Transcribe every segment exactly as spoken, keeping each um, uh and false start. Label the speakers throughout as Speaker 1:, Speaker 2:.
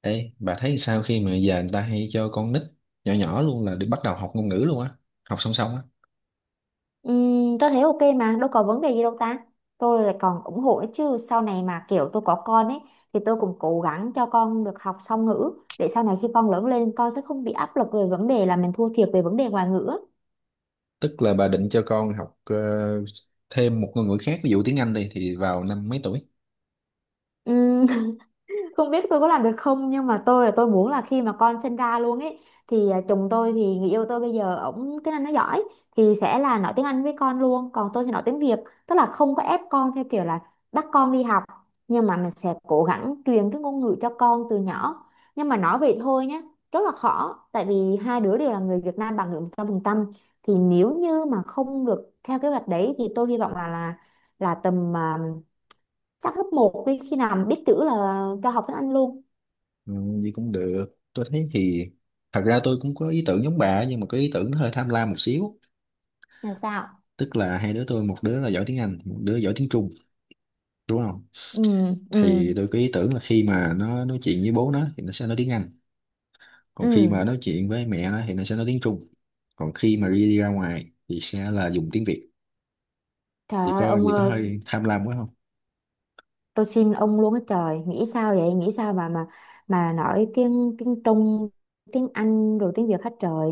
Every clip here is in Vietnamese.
Speaker 1: Ê, bà thấy sao khi mà giờ người ta hay cho con nít nhỏ nhỏ luôn là đi bắt đầu học ngôn ngữ luôn á, học song song á?
Speaker 2: Ừm, tôi thấy ok mà đâu có vấn đề gì đâu ta, tôi lại còn ủng hộ nữa chứ. Sau này mà kiểu tôi có con ấy thì tôi cũng cố gắng cho con được học song ngữ, để sau này khi con lớn lên con sẽ không bị áp lực về vấn đề là mình thua thiệt về vấn đề ngoại ngữ
Speaker 1: Tức là bà định cho con học ờ, thêm một ngôn ngữ khác, ví dụ tiếng Anh đi, thì vào năm mấy tuổi?
Speaker 2: á. Không biết tôi có làm được không, nhưng mà tôi là tôi muốn là khi mà con sinh ra luôn ấy thì à, chồng tôi, thì người yêu tôi bây giờ, ổng tiếng Anh nó giỏi thì sẽ là nói tiếng Anh với con luôn, còn tôi thì nói tiếng Việt. Tức là không có ép con theo kiểu là bắt con đi học, nhưng mà mình sẽ cố gắng truyền cái ngôn ngữ cho con từ nhỏ. Nhưng mà nói vậy thôi nhé, rất là khó tại vì hai đứa đều là người Việt Nam bản ngữ một trăm phần trăm. Thì nếu như mà không được theo kế hoạch đấy thì tôi hy vọng là là là tầm, à, chắc lớp một đi, khi nào mà biết chữ là cho học tiếng Anh luôn.
Speaker 1: Ừ, gì cũng được. Tôi thấy thì thật ra tôi cũng có ý tưởng giống bà, nhưng mà cái ý tưởng nó hơi tham lam một xíu.
Speaker 2: Là sao?
Speaker 1: Tức là hai đứa tôi, một đứa là giỏi tiếng Anh, một đứa giỏi tiếng Trung, đúng không?
Speaker 2: Ừ. Ừ.
Speaker 1: Thì tôi có ý tưởng là khi mà nó nói chuyện với bố nó thì nó sẽ nói tiếng Anh, còn khi mà
Speaker 2: Ừ.
Speaker 1: nói chuyện với mẹ nó thì nó sẽ nói tiếng Trung, còn khi mà đi, đi ra ngoài thì sẽ là dùng tiếng Việt.
Speaker 2: Trời
Speaker 1: Thì
Speaker 2: ơi
Speaker 1: có
Speaker 2: ông
Speaker 1: gì, có
Speaker 2: ơi,
Speaker 1: hơi tham lam quá không?
Speaker 2: tôi xin ông luôn á trời, nghĩ sao vậy, nghĩ sao mà mà mà nói tiếng tiếng Trung, tiếng Anh rồi tiếng Việt hết trời.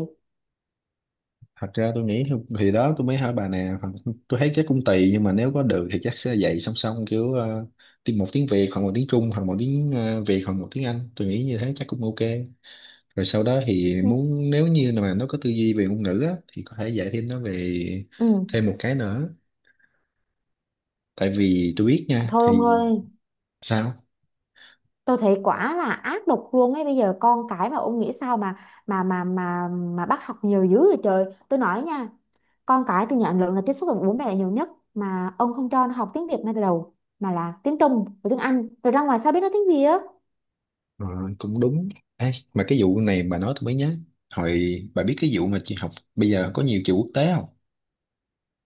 Speaker 1: Thật ra tôi nghĩ thì thì đó, tôi mới hỏi bà nè. Hoặc- tôi thấy chắc cũng tùy, nhưng mà nếu có được thì chắc sẽ dạy song song, kiểu ờ, tiếng một tiếng Việt hoặc một tiếng Trung, hoặc một tiếng ờ, Việt hoặc một tiếng Anh. Tôi nghĩ như thế chắc cũng ok. Rồi sau đó thì
Speaker 2: Ừ.
Speaker 1: muốn, nếu như mà nó có tư duy về ngôn ngữ á, thì có thể dạy thêm nó về
Speaker 2: Ừ.
Speaker 1: thêm một cái nữa, tại vì tôi biết nha,
Speaker 2: Thôi ông
Speaker 1: thì...
Speaker 2: ơi,
Speaker 1: Sao?
Speaker 2: tôi thấy quả là ác độc luôn ấy, bây giờ con cái mà ông nghĩ sao mà mà mà mà mà bắt học nhiều dữ vậy trời. Tôi nói nha, con cái từ nhỏ đến lớn là tiếp xúc với bố mẹ là nhiều nhất, mà ông không cho nó học tiếng Việt ngay từ đầu mà là tiếng Trung và tiếng Anh, rồi ra ngoài sao biết nói tiếng Việt.
Speaker 1: Rồi, cũng đúng. Ê, mà cái vụ này bà nói tôi mới nhớ. Hồi bà biết cái vụ mà chị học bây giờ có nhiều trường quốc tế không?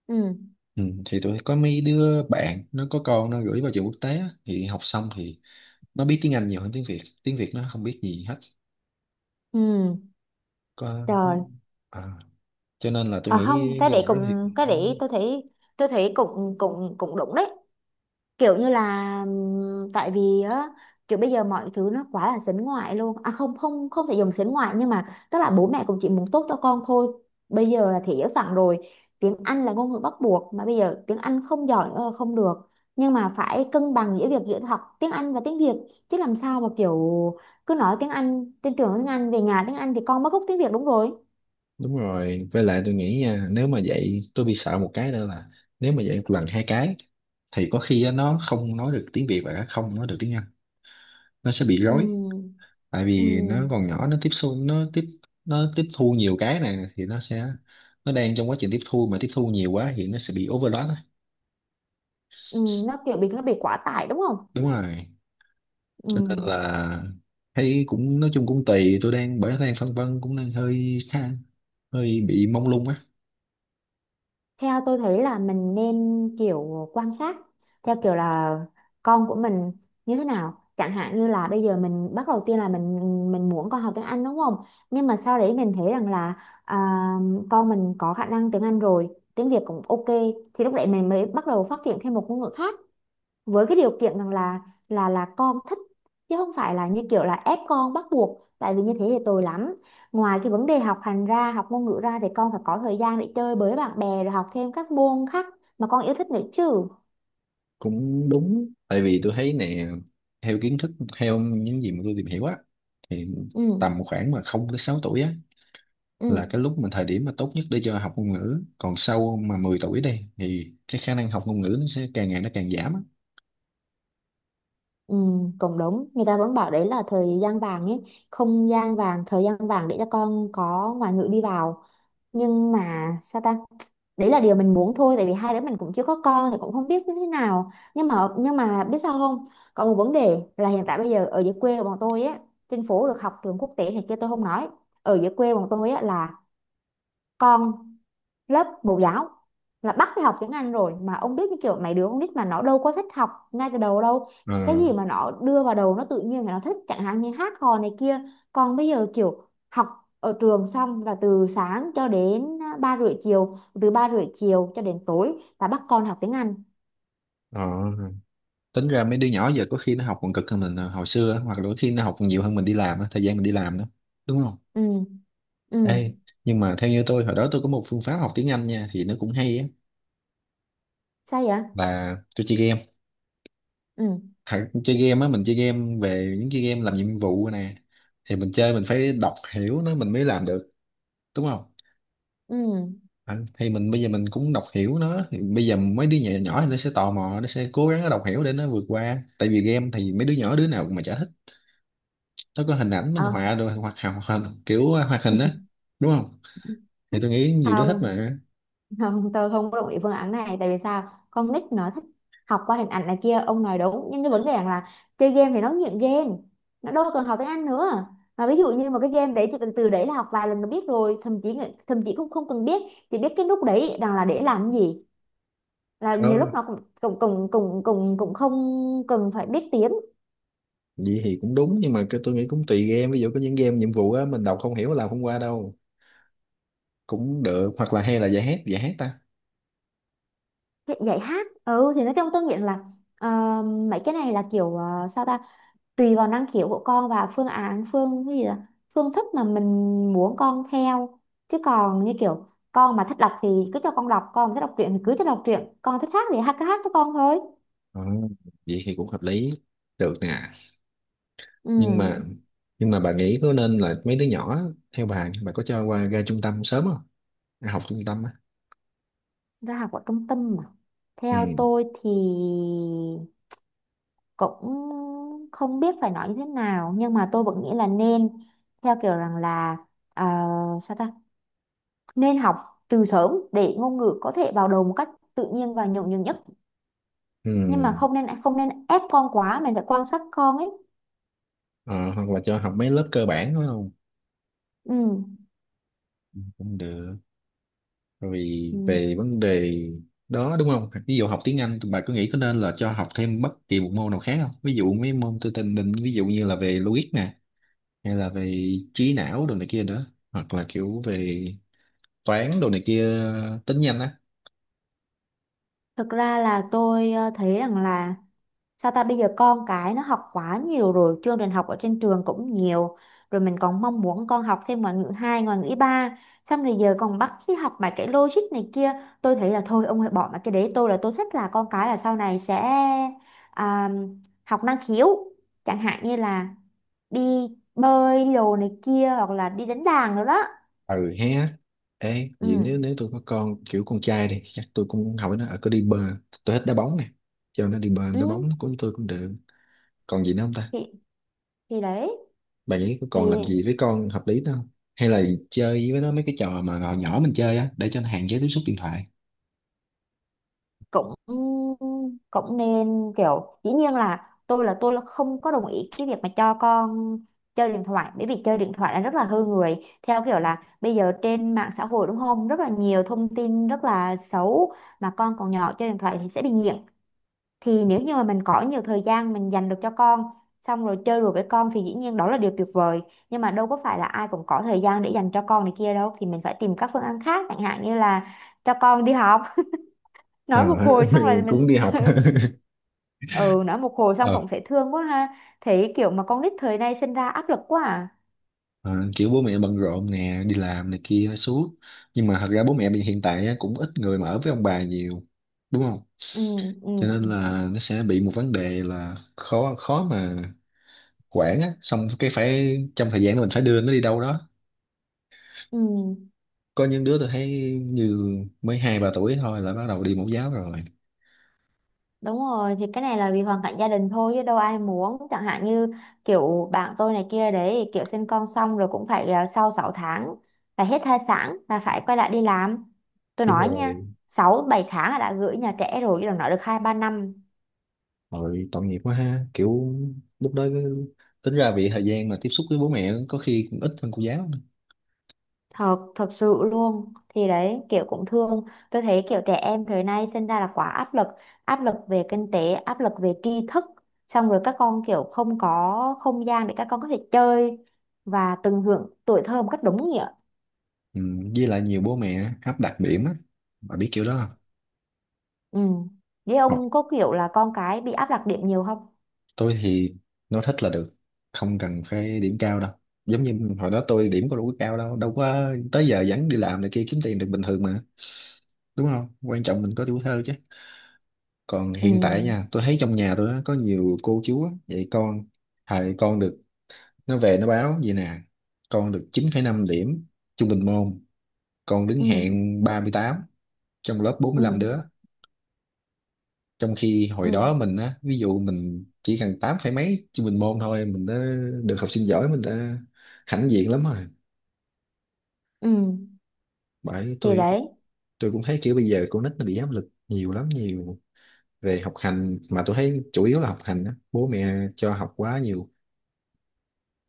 Speaker 2: Ừ.
Speaker 1: Ừ, thì tôi có mấy đứa bạn nó có con nó gửi vào trường quốc tế á, thì học xong thì nó biết tiếng Anh nhiều hơn tiếng Việt. Tiếng Việt nó không biết gì hết.
Speaker 2: Ừ.
Speaker 1: Có
Speaker 2: Trời.
Speaker 1: à, cho nên là tôi
Speaker 2: À không,
Speaker 1: nghĩ
Speaker 2: cái
Speaker 1: như
Speaker 2: đấy
Speaker 1: bà nói
Speaker 2: cũng,
Speaker 1: thì
Speaker 2: cái đấy tôi thấy tôi thấy cũng cũng cũng đúng đấy, kiểu như là ừm, tại vì á, kiểu bây giờ mọi thứ nó quá là sến ngoại luôn. À không không không thể dùng sến ngoại, nhưng mà tức là bố mẹ cũng chỉ muốn tốt cho con thôi. Bây giờ là thế giới phẳng rồi, tiếng Anh là ngôn ngữ bắt buộc mà, bây giờ tiếng Anh không giỏi nữa là không được. Nhưng mà phải cân bằng giữa việc, giữa học tiếng Anh và tiếng Việt, chứ làm sao mà kiểu cứ nói tiếng Anh trên trường, nói tiếng Anh về nhà tiếng Anh thì con mất gốc tiếng Việt, đúng rồi.
Speaker 1: đúng rồi. Với lại tôi nghĩ nha, nếu mà vậy tôi bị sợ một cái nữa là, nếu mà vậy một lần hai cái thì có khi á, nó không nói được tiếng Việt và không nói được tiếng Anh. Nó sẽ bị rối.
Speaker 2: Ừ.
Speaker 1: Tại vì nó còn
Speaker 2: Ừ.
Speaker 1: nhỏ, nó tiếp xúc nó tiếp nó tiếp thu nhiều cái này thì nó sẽ nó đang trong quá trình tiếp thu, mà tiếp thu nhiều quá thì nó sẽ bị overload á.
Speaker 2: Ừ. Nó kiểu bị, nó bị quá tải đúng không.
Speaker 1: Đúng rồi,
Speaker 2: Ừ.
Speaker 1: cho nên là thấy cũng nói chung cũng tùy. Tôi đang bởi đang phân vân, cũng đang hơi khá, hơi bị mông lung á.
Speaker 2: Theo tôi thấy là mình nên kiểu quan sát theo kiểu là con của mình như thế nào. Chẳng hạn như là bây giờ mình bắt đầu tiên là mình mình muốn con học tiếng Anh đúng không? Nhưng mà sau đấy mình thấy rằng là à, con mình có khả năng tiếng Anh rồi, tiếng Việt cũng ok, thì lúc đấy mình mới bắt đầu phát triển thêm một ngôn ngữ khác, với cái điều kiện rằng là là là con thích, chứ không phải là như kiểu là ép con bắt buộc, tại vì như thế thì tồi lắm. Ngoài cái vấn đề học hành ra, học ngôn ngữ ra thì con phải có thời gian để chơi với bạn bè, rồi học thêm các môn khác mà con yêu thích nữa chứ.
Speaker 1: Cũng đúng, tại vì tôi thấy nè, theo kiến thức, theo những gì mà tôi tìm hiểu á, thì
Speaker 2: Ừ.
Speaker 1: tầm khoảng mà không tới sáu tuổi á là
Speaker 2: Ừ.
Speaker 1: cái lúc mà thời điểm mà tốt nhất để cho học ngôn ngữ, còn sau mà mười tuổi đi thì cái khả năng học ngôn ngữ nó sẽ càng ngày nó càng giảm á.
Speaker 2: Ừ. Cũng đúng, người ta vẫn bảo đấy là thời gian vàng ấy, không gian vàng, thời gian vàng để cho con có ngoại ngữ đi vào. Nhưng mà sao ta, đấy là điều mình muốn thôi, tại vì hai đứa mình cũng chưa có con thì cũng không biết như thế nào. Nhưng mà nhưng mà biết sao không, còn một vấn đề là hiện tại bây giờ ở dưới quê của bọn tôi á, trên phố được học trường quốc tế này kia tôi không nói, ở dưới quê bọn tôi á là con lớp mẫu giáo là bắt đi học tiếng Anh rồi. Mà ông biết, như kiểu mấy đứa con nít mà nó đâu có thích học ngay từ đầu đâu,
Speaker 1: Ờ.
Speaker 2: cái gì mà nó đưa vào đầu nó tự nhiên là nó thích chẳng hạn như hát hò này kia. Còn bây giờ kiểu học ở trường xong là từ sáng cho đến à, ba rưỡi chiều, từ ba rưỡi chiều cho đến tối là bắt con học tiếng Anh.
Speaker 1: Ờ. Tính ra mấy đứa nhỏ giờ có khi nó học còn cực hơn mình ờ, hồi xưa á, hoặc là có khi nó học còn nhiều hơn mình đi làm á, thời gian mình đi làm đó, đúng không?
Speaker 2: Ừ. Ừ.
Speaker 1: Ê, nhưng mà theo như tôi, hồi đó tôi có một phương pháp học tiếng Anh nha, thì nó cũng hay á,
Speaker 2: Sao vậy?
Speaker 1: là tôi chơi game.
Speaker 2: Ừ.
Speaker 1: Thật, chơi game á, mình chơi game về những cái game làm nhiệm vụ nè, thì mình chơi mình phải đọc hiểu nó mình mới làm được, đúng không?
Speaker 2: Ừ.
Speaker 1: Anh thì mình bây giờ mình cũng đọc hiểu nó, thì bây giờ mấy đứa nhỏ nhỏ nó sẽ tò mò, nó sẽ cố gắng nó đọc hiểu để nó vượt qua, tại vì game thì mấy đứa nhỏ đứa nào mà chả thích. Nó có hình ảnh minh
Speaker 2: Ờ.
Speaker 1: họa rồi, hoặc hoặc hoặc kiểu hoạt hình á, đúng không? Thì tôi nghĩ nhiều đứa thích
Speaker 2: không
Speaker 1: mà.
Speaker 2: không tôi không có đồng ý phương án này. Tại vì sao? Con nít nó thích học qua hình ảnh này kia, ông nói đúng, nhưng cái vấn đề rằng là chơi game thì nó nghiện game, nó đâu cần học tiếng Anh nữa. Mà ví dụ như một cái game đấy chỉ cần từ đấy là học vài lần nó biết rồi, thậm chí thậm chí cũng không cần biết, chỉ biết cái nút đấy rằng là để làm cái gì, là
Speaker 1: ờ,
Speaker 2: nhiều lúc nó cũng cũng cũng cũng cũng, cũng không cần phải biết tiếng.
Speaker 1: Vậy thì cũng đúng, nhưng mà cái tôi nghĩ cũng tùy game, ví dụ có những game nhiệm vụ á mình đọc không hiểu làm không qua đâu. Cũng được, hoặc là hay là giải hát, giải hát ta.
Speaker 2: Cái- dạy hát, ừ thì nói trong tôi nghĩ là, ờ, mấy cái này là kiểu, ờ, sao ta, tùy vào năng khiếu của con và phương án, phương cái gì đó, phương thức mà mình muốn con theo, chứ còn như kiểu con mà thích đọc thì cứ cho con đọc, con mà thích đọc truyện thì cứ cho đọc truyện, con thích hát thì hát, cứ hát cho con thôi.
Speaker 1: Ờ, vậy thì cũng hợp lý, được nè. Nhưng mà
Speaker 2: Ừ,
Speaker 1: nhưng mà bà nghĩ có nên là mấy đứa nhỏ á, theo bà bà có cho qua ra trung tâm sớm không, ra học trung tâm á?
Speaker 2: ra học ở trung tâm mà,
Speaker 1: Ừ.
Speaker 2: theo tôi thì cũng không biết phải nói như thế nào, nhưng mà tôi vẫn nghĩ là nên theo kiểu rằng là, ờ, sao ta, nên học từ sớm để ngôn ngữ có thể vào đầu một cách tự nhiên và nhuần nhuyễn nhất. Nhưng mà
Speaker 1: Ừ.
Speaker 2: không nên không nên ép con quá, mình phải quan sát con ấy.
Speaker 1: Ờ, hoặc là cho học mấy lớp cơ bản đó không,
Speaker 2: Ừ.
Speaker 1: cũng được. Bởi vì
Speaker 2: Ừ.
Speaker 1: về vấn đề đó đúng không, ví dụ học tiếng Anh, bà có nghĩ có nên là cho học thêm bất kỳ một môn nào khác không, ví dụ mấy môn tôi tình định ví dụ như là về logic nè, hay là về trí não đồ này kia nữa, hoặc là kiểu về toán đồ này kia, tính nhanh á?
Speaker 2: Thực ra là tôi ờ, thấy rằng là sao ta, bây giờ con cái nó học quá nhiều rồi, chương trình học ở trên trường cũng nhiều rồi, mình còn mong muốn con học thêm ngoại ngữ hai, ngoại ngữ ba, xong rồi giờ còn bắt đi học mà cái logic này kia. Tôi thấy là thôi ông hãy bỏ mà cái đấy, tôi là tôi thích là con cái là sau này sẽ à, học năng khiếu, chẳng hạn như là đi bơi đồ này kia, hoặc là đi đánh đàn rồi đó.
Speaker 1: Ừ hé. Ê, vậy
Speaker 2: Ừ.
Speaker 1: nếu nếu tôi có con kiểu con trai đi, chắc tôi cũng hỏi nó ở có đi bơi. Tôi thích đá bóng nè, cho nó đi bơi đá
Speaker 2: Ừ.
Speaker 1: bóng của tôi cũng được. Còn gì nữa không ta?
Speaker 2: thì thì đấy,
Speaker 1: Bạn nghĩ có
Speaker 2: thì
Speaker 1: còn làm gì với con hợp lý nữa không? Hay là chơi với nó mấy cái trò mà hồi nhỏ mình chơi á, để cho nó hạn chế tiếp xúc điện thoại?
Speaker 2: cũng cũng nên kiểu, dĩ nhiên là tôi là tôi là không có đồng ý cái việc mà cho con chơi điện thoại, bởi vì chơi điện thoại là rất là hư người, theo kiểu là bây giờ trên mạng xã hội đúng không, rất là nhiều thông tin rất là xấu, mà con còn nhỏ chơi điện thoại thì sẽ bị nghiện. Thì nếu như mà mình có nhiều thời gian mình dành được cho con, xong rồi chơi đùa với con thì dĩ nhiên đó là điều tuyệt vời, nhưng mà đâu có phải là ai cũng có thời gian để dành cho con này kia đâu, thì mình phải tìm các phương án khác, chẳng hạn như là cho con đi học.
Speaker 1: Ờ.
Speaker 2: Nói một hồi xong là
Speaker 1: Cũng
Speaker 2: mình
Speaker 1: đi học.
Speaker 2: ừ, nói một hồi xong
Speaker 1: Ờ.
Speaker 2: cũng thấy thương quá ha. Thấy kiểu mà con nít thời nay sinh ra áp lực quá à.
Speaker 1: Ờ, kiểu bố mẹ bận rộn nè, đi làm này kia suốt, nhưng mà thật ra bố mẹ bây hiện tại á, cũng ít người mà ở với ông bà nhiều, đúng không?
Speaker 2: Ừ. Ừ.
Speaker 1: Cho nên là nó sẽ bị một vấn đề là khó, khó mà quảng á, xong cái phải trong thời gian đó mình phải đưa nó đi đâu đó.
Speaker 2: Ừ.
Speaker 1: Có những đứa tôi thấy như mới hai ba tuổi thôi là bắt đầu đi mẫu giáo rồi.
Speaker 2: Đúng rồi, thì cái này là vì hoàn cảnh gia đình thôi chứ đâu ai muốn, chẳng hạn như kiểu bạn tôi này kia đấy, kiểu sinh con xong rồi cũng phải, à, sau sáu tháng là hết thai sản là phải quay lại đi làm. Tôi
Speaker 1: Đúng
Speaker 2: nói nha,
Speaker 1: rồi.
Speaker 2: sáu bảy tháng là đã gửi nhà trẻ rồi chứ đừng nói được hai ba năm.
Speaker 1: Rồi, tội nghiệp quá ha, kiểu lúc đó cứ- tính ra vì thời gian mà tiếp xúc với bố mẹ có khi cũng ít hơn cô giáo nữa.
Speaker 2: Thật thật sự luôn, thì đấy kiểu cũng thương, tôi thấy kiểu trẻ em thời nay sinh ra là quá áp lực, áp lực về kinh tế, áp lực về tri thức, xong rồi các con kiểu không có không gian để các con có thể chơi và tận hưởng tuổi thơ một cách đúng nghĩa.
Speaker 1: Ừ, với lại nhiều bố mẹ áp đặt điểm á, bà biết kiểu đó không?
Speaker 2: Ừ, với
Speaker 1: Học,
Speaker 2: ông có kiểu là con cái bị áp đặt điểm nhiều không?
Speaker 1: tôi thì nó thích là được, không cần phải điểm cao đâu. Giống như hồi đó tôi điểm có đủ cao đâu, đâu, có tới giờ vẫn đi làm này kia kiếm tiền được bình thường mà, đúng không? Quan trọng mình có tuổi thơ chứ. Còn
Speaker 2: Ừ.
Speaker 1: hiện tại nha, tôi thấy trong nhà tôi á, có nhiều cô chú á, dạy con, thầy con được, nó về nó báo vậy nè: con được chín phẩy năm điểm trung bình môn, con đứng
Speaker 2: Ừ.
Speaker 1: hạng ba mươi tám trong lớp bốn
Speaker 2: Ừ.
Speaker 1: mươi lăm đứa. Trong khi hồi
Speaker 2: Ừ.
Speaker 1: đó mình á, ví dụ mình chỉ cần tám phẩy mấy trung bình môn thôi mình đã được học sinh giỏi, mình đã hãnh diện lắm rồi.
Speaker 2: Ừ,
Speaker 1: Bởi
Speaker 2: thì
Speaker 1: tôi
Speaker 2: đấy.
Speaker 1: tôi cũng thấy kiểu bây giờ con nít nó bị áp lực nhiều lắm, nhiều về học hành. Mà tôi thấy chủ yếu là học hành á, bố mẹ cho học quá nhiều.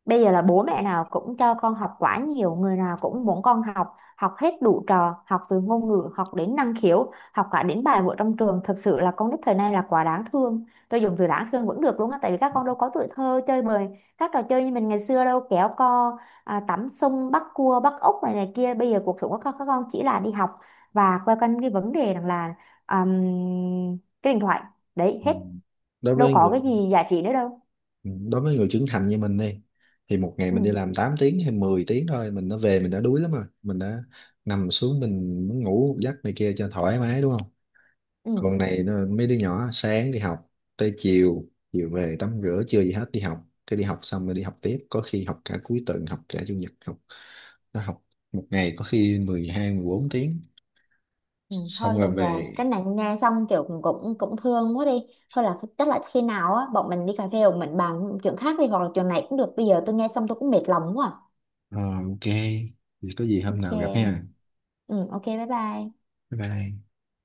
Speaker 2: Bây giờ là bố mẹ nào cũng cho con học quá nhiều, người nào cũng muốn con học, học hết đủ trò, học từ ngôn ngữ, học đến năng khiếu, học cả đến bài vở trong trường. Thực sự là con nít thời nay là quá đáng thương. Tôi dùng từ đáng thương vẫn được đúng không? Tại vì các con đâu có tuổi thơ chơi bời, các trò chơi như mình ngày xưa đâu, kéo co, à, tắm sông, bắt cua, bắt ốc này này kia. Bây giờ cuộc sống của các, các con chỉ là đi học và quay quanh cái vấn đề rằng là um, cái điện thoại. Đấy,
Speaker 1: Ừ.
Speaker 2: hết.
Speaker 1: đối
Speaker 2: Đâu
Speaker 1: với
Speaker 2: có cái
Speaker 1: người
Speaker 2: gì giá trị nữa đâu.
Speaker 1: Ừ, đối với người trưởng thành như mình đi, thì một ngày mình đi
Speaker 2: Ừ.
Speaker 1: làm tám tiếng hay mười tiếng thôi mình đã về mình đã đuối lắm rồi, mình đã nằm xuống mình muốn ngủ một giấc này kia cho thoải mái, đúng không?
Speaker 2: Ừ.
Speaker 1: Còn này nó- mấy đứa nhỏ sáng đi học, tới chiều, chiều về tắm rửa chưa gì hết đi học, cái đi học xong rồi đi học tiếp, có khi học cả cuối tuần, học cả chủ nhật học. Nó học một ngày có khi mười hai mười bốn tiếng,
Speaker 2: Ừ,
Speaker 1: xong
Speaker 2: thôi
Speaker 1: rồi
Speaker 2: được rồi,
Speaker 1: về.
Speaker 2: cái này nghe xong kiểu cũng cũng cũng thương quá đi, thôi là chắc là khi nào á bọn mình đi cà phê bọn mình bàn chuyện khác đi, hoặc là chuyện này cũng được, bây giờ tôi nghe xong tôi cũng mệt lòng quá à.
Speaker 1: Ờ, ok, thì có gì hôm nào gặp
Speaker 2: Ok.
Speaker 1: ha.
Speaker 2: Ừ ok, bye bye.
Speaker 1: Bye bye.